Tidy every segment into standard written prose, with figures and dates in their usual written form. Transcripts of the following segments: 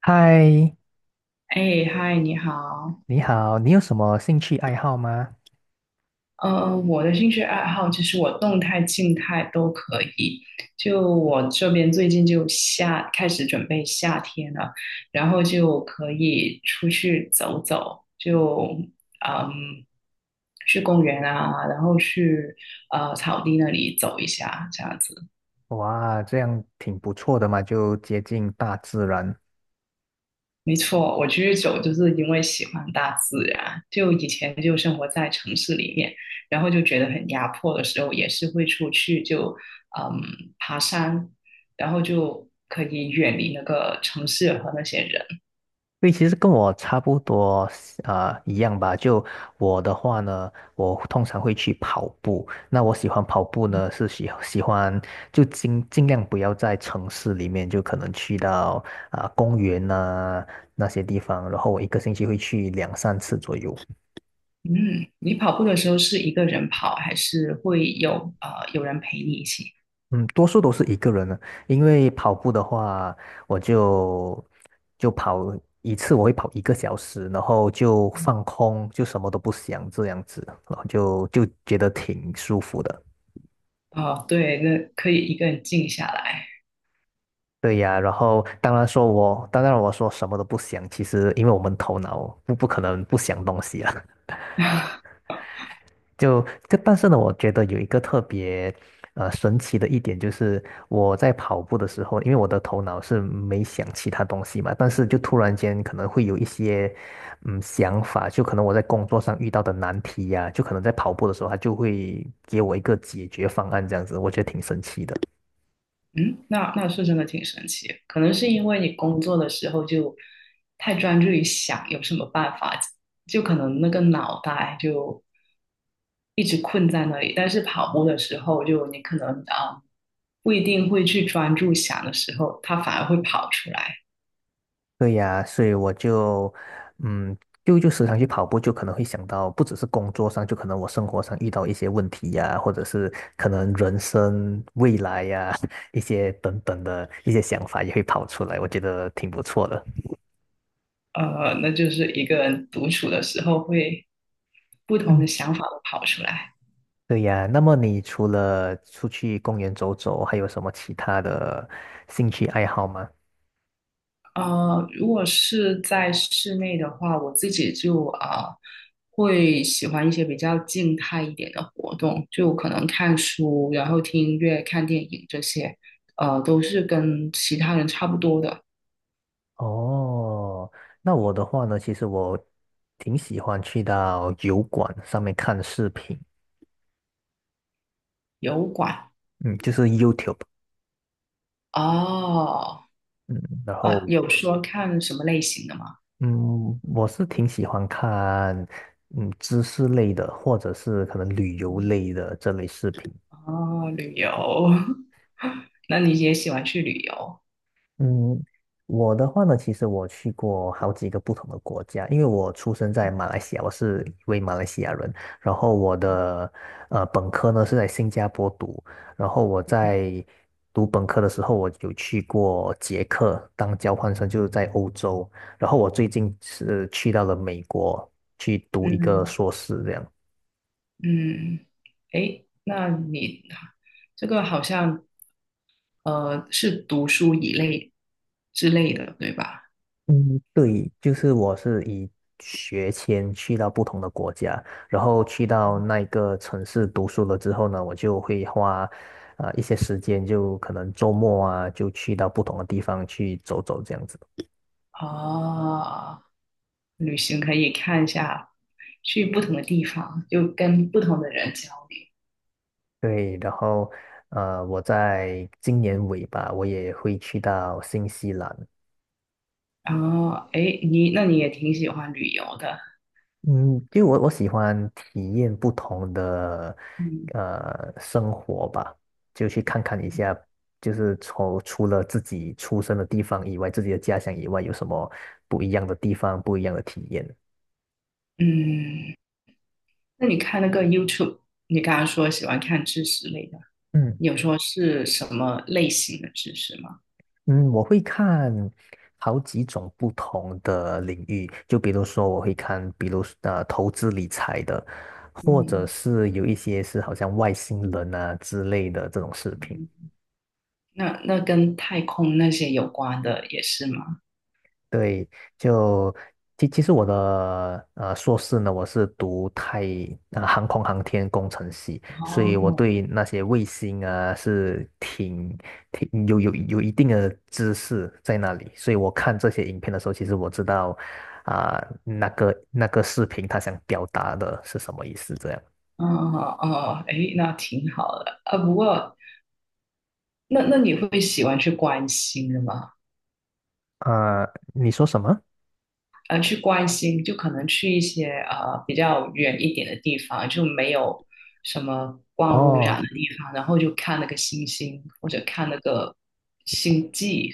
嗨，哎，嗨，你好。你好，你有什么兴趣爱好吗？嗯，我的兴趣爱好其实我动态、静态都可以。就我这边最近开始准备夏天了，然后就可以出去走走，嗯，去公园啊，然后去草地那里走一下，这样子。哇，这样挺不错的嘛，就接近大自然。没错，我居走就是因为喜欢大自然，就以前就生活在城市里面，然后就觉得很压迫的时候，也是会出去嗯爬山，然后就可以远离那个城市和那些人。对，其实跟我差不多啊，一样吧。就我的话呢，我通常会去跑步。那我喜欢跑步呢，是喜欢就尽量不要在城市里面，就可能去到公园呐、那些地方，然后我一个星期会去两三次左右。嗯，你跑步的时候是一个人跑，还是会有人陪你一起？嗯，多数都是一个人的，因为跑步的话，我就跑一次，我会跑一个小时，然后就放空，就什么都不想这样子，然后就觉得挺舒服的。哦，对，那可以一个人静下来。对呀，然后当然说我，当然我说什么都不想，其实因为我们头脑不可能不想东西啊。就但是呢，我觉得有一个特别神奇的一点，就是我在跑步的时候，因为我的头脑是没想其他东西嘛，但是就突然间可能会有一些想法，就可能我在工作上遇到的难题呀、就可能在跑步的时候，它就会给我一个解决方案，这样子，我觉得挺神奇的。嗯，那是真的挺神奇的，可能是因为你工作的时候就太专注于想有什么办法，就可能那个脑袋就一直困在那里。但是跑步的时候，就你可能不一定会去专注想的时候，它反而会跑出来。对呀，所以我就，嗯，就时常去跑步，就可能会想到，不只是工作上，就可能我生活上遇到一些问题呀，或者是可能人生未来呀，一些等等的一些想法也会跑出来，我觉得挺不错的。呃，那就是一个人独处的时候会不同的嗯。想法都跑出来。对呀，那么你除了出去公园走走，还有什么其他的兴趣爱好吗？呃，如果是在室内的话，我自己就啊、呃会喜欢一些比较静态一点的活动，就可能看书，然后听音乐、看电影这些，呃，都是跟其他人差不多的。哦，那我的话呢，其实我挺喜欢去到油管上面看视频，油管嗯，就是 YouTube，哦，嗯，然后呃，有说看什么类型的吗？嗯，我是挺喜欢看知识类的，或者是可能旅游类的这类视频，哦，旅游，那你也喜欢去旅游？嗯，我的话呢，其实我去过好几个不同的国家，因为我出生在马来西亚，我是一位马来西亚人。然后我的本科呢是在新加坡读，然后我在读本科的时候，我有去过捷克当交换生，就是在欧洲。然后我最近是去到了美国去读一个嗯硕士，这样。嗯，诶，那你这个好像。呃，是读书一类之类的，对吧？嗯，对，就是我是以学签去到不同的国家，然后去到那一个城市读书了之后呢，我就会花一些时间，就可能周末啊，就去到不同的地方去走走这样子。哦，旅行可以看一下，去不同的地方，就跟不同的人交流。对，然后我在今年尾吧，我也会去到新西兰。哦，后，哎，你那你也挺喜欢旅游的，嗯，就我喜欢体验不同的嗯生活吧，就去看看一下，就是从除了自己出生的地方以外，自己的家乡以外，有什么不一样的地方，不一样的体验。嗯，那你看那个 YouTube,你刚刚说喜欢看知识类的，嗯你有说是什么类型的知识吗？嗯，我会看好几种不同的领域，就比如说我会看，比如投资理财的，或者是有一些是好像外星人啊之类的这种视频。嗯嗯，那跟太空那些有关的也是吗？对，就其实我的硕士呢，我是读航空航天工程系，所以我哦，对那些卫星啊是挺有一定的知识在那里，所以我看这些影片的时候，其实我知道啊、那个视频它想表达的是什么意思，这样哦哦，哎，那挺好的啊。不过，那你会喜欢去关心的吗？啊、你说什么？呃，去关心就可能去一些比较远一点的地方，就没有什么光污哦。染的地方，然后就看那个星星或者看那个星际。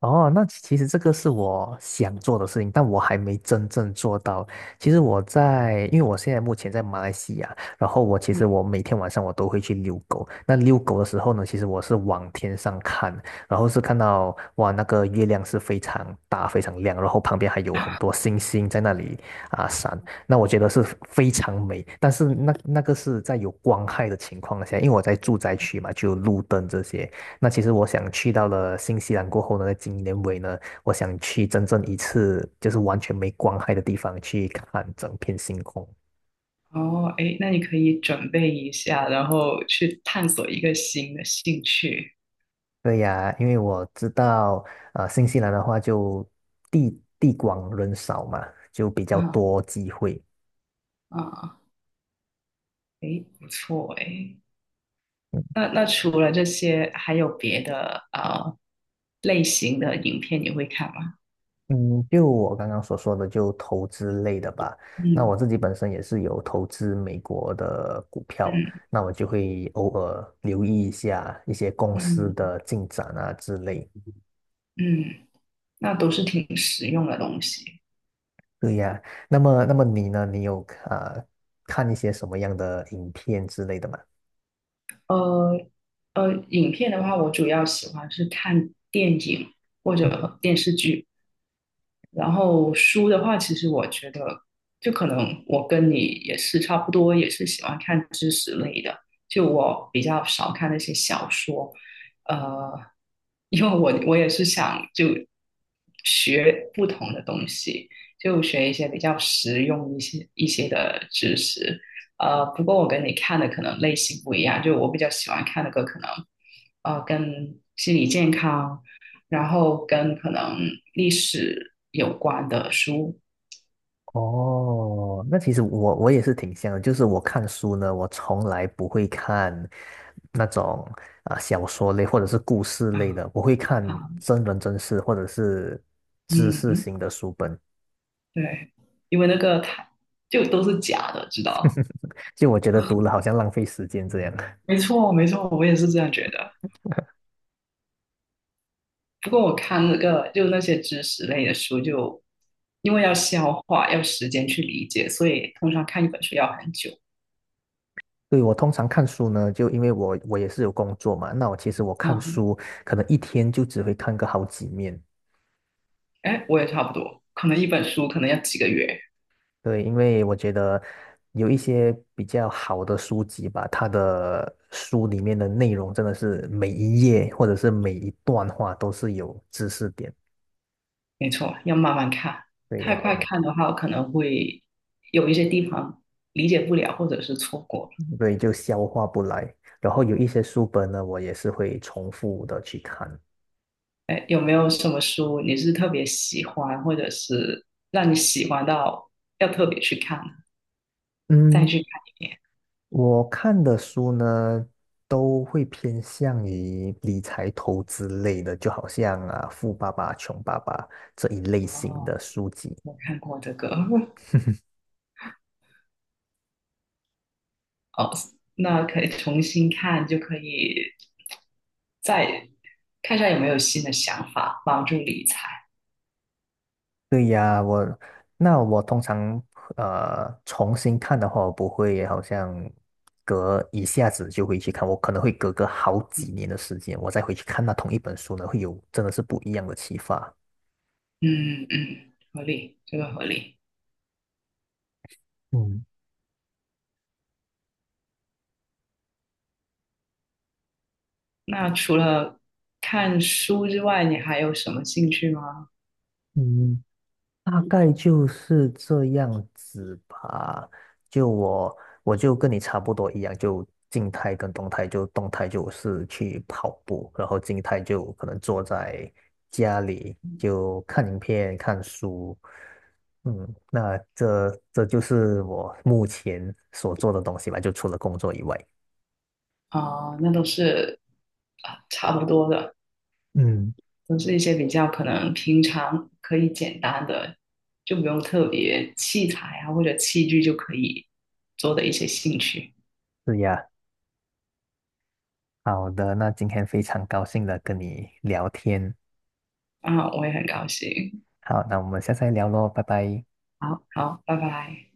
哦，那其实这个是我想做的事情，但我还没真正做到。其实我在，因为我现在目前在马来西亚，然后我其嗯实我每天晚上我都会去遛狗。那遛狗的时候呢，其实我是往天上看，然后是看到哇，那个月亮是非常大、非常亮，然后旁边还有很多星星在那里闪。那我觉得是非常美，但是那个是在有光害的情况下，因为我在住宅区嘛，就有路灯这些。那其实我想去到了新西兰过后呢，今年尾呢，我想去真正一次就是完全没光害的地方去看整片星空。哦，哎，那你可以准备一下，然后去探索一个新的兴趣。对呀，因为我知道，新西兰的话就地广人少嘛，就比较啊，多机会。啊，哎，不错哎。那那除了这些，还有别的类型的影片你会看吗？嗯，就我刚刚所说的，就投资类的吧。那我嗯自己本身也是有投资美国的股票，嗯，那我就会偶尔留意一下一些公司嗯的进展啊之类。嗯，那都是挺实用的东西。对呀，那么你呢？你有啊呃看一些什么样的影片之类的吗？呃影片的话，我主要喜欢是看电影或嗯者电视剧。然后书的话，其实我觉得，就可能我跟你也是差不多，也是喜欢看知识类的。就我比较少看那些小说，呃，因为我也是想就学不同的东西，就学一些比较实用一些的知识。呃，不过我跟你看的可能类型不一样，就我比较喜欢看的个可能，呃，跟心理健康。然后跟可能历史有关的书哦，那其实我也是挺像的，就是我看书呢，我从来不会看那种小说类或者是故事类啊，的，我会看啊，真人真事或者是知识嗯，型的书本，对，因为那个它就都是假的，知道？就我觉得读了好像浪费时间这样。没错，没错，我也是这样觉得。不过我看那个就那些知识类的书就，因为要消化，要时间去理解，所以通常看一本书要很久。对，我通常看书呢，就因为我也是有工作嘛，那我其实我啊，看书可能一天就只会看个好几面。哎，我也差不多，可能一本书可能要几个月，对，因为我觉得有一些比较好的书籍吧，它的书里面的内容真的是每一页或者是每一段话都是有知识点，没错，要慢慢看。对，然太后快看的话，可能会有一些地方理解不了，或者是错过。嗯对就消化不来。然后有一些书本呢，我也是会重复的去看。哎，有没有什么书你是特别喜欢，或者是让你喜欢到要特别去看，再嗯，去看？我看的书呢，都会偏向于理财投资类的，就好像啊《富爸爸穷爸爸》这一类型哦，的书籍。我看过这个，哦，那可以重新看，就可以再看一下有没有新的想法，帮助理财。对呀，我那我通常重新看的话，我不会好像隔一下子就会去看，我可能会隔个好几年的时间，我再回去看那同一本书呢，会有真的是不一样的启发。嗯嗯，合理，这个合理。嗯那除了看书之外，你还有什么兴趣吗？嗯，大概就是这样子吧。就我，我就跟你差不多一样，就静态跟动态，就动态就是去跑步，然后静态就可能坐在家里就看影片、看书。嗯，那这就是我目前所做的东西吧，就除了工作以外。那都是啊，差不多的。嗯，都是一些比较可能平常可以简单的，就不用特别器材啊或者器具就可以做的一些兴趣是呀。好的，那今天非常高兴的跟你聊天。啊，我也很高兴。好，那我们下次再聊喽，拜拜。好好，拜拜。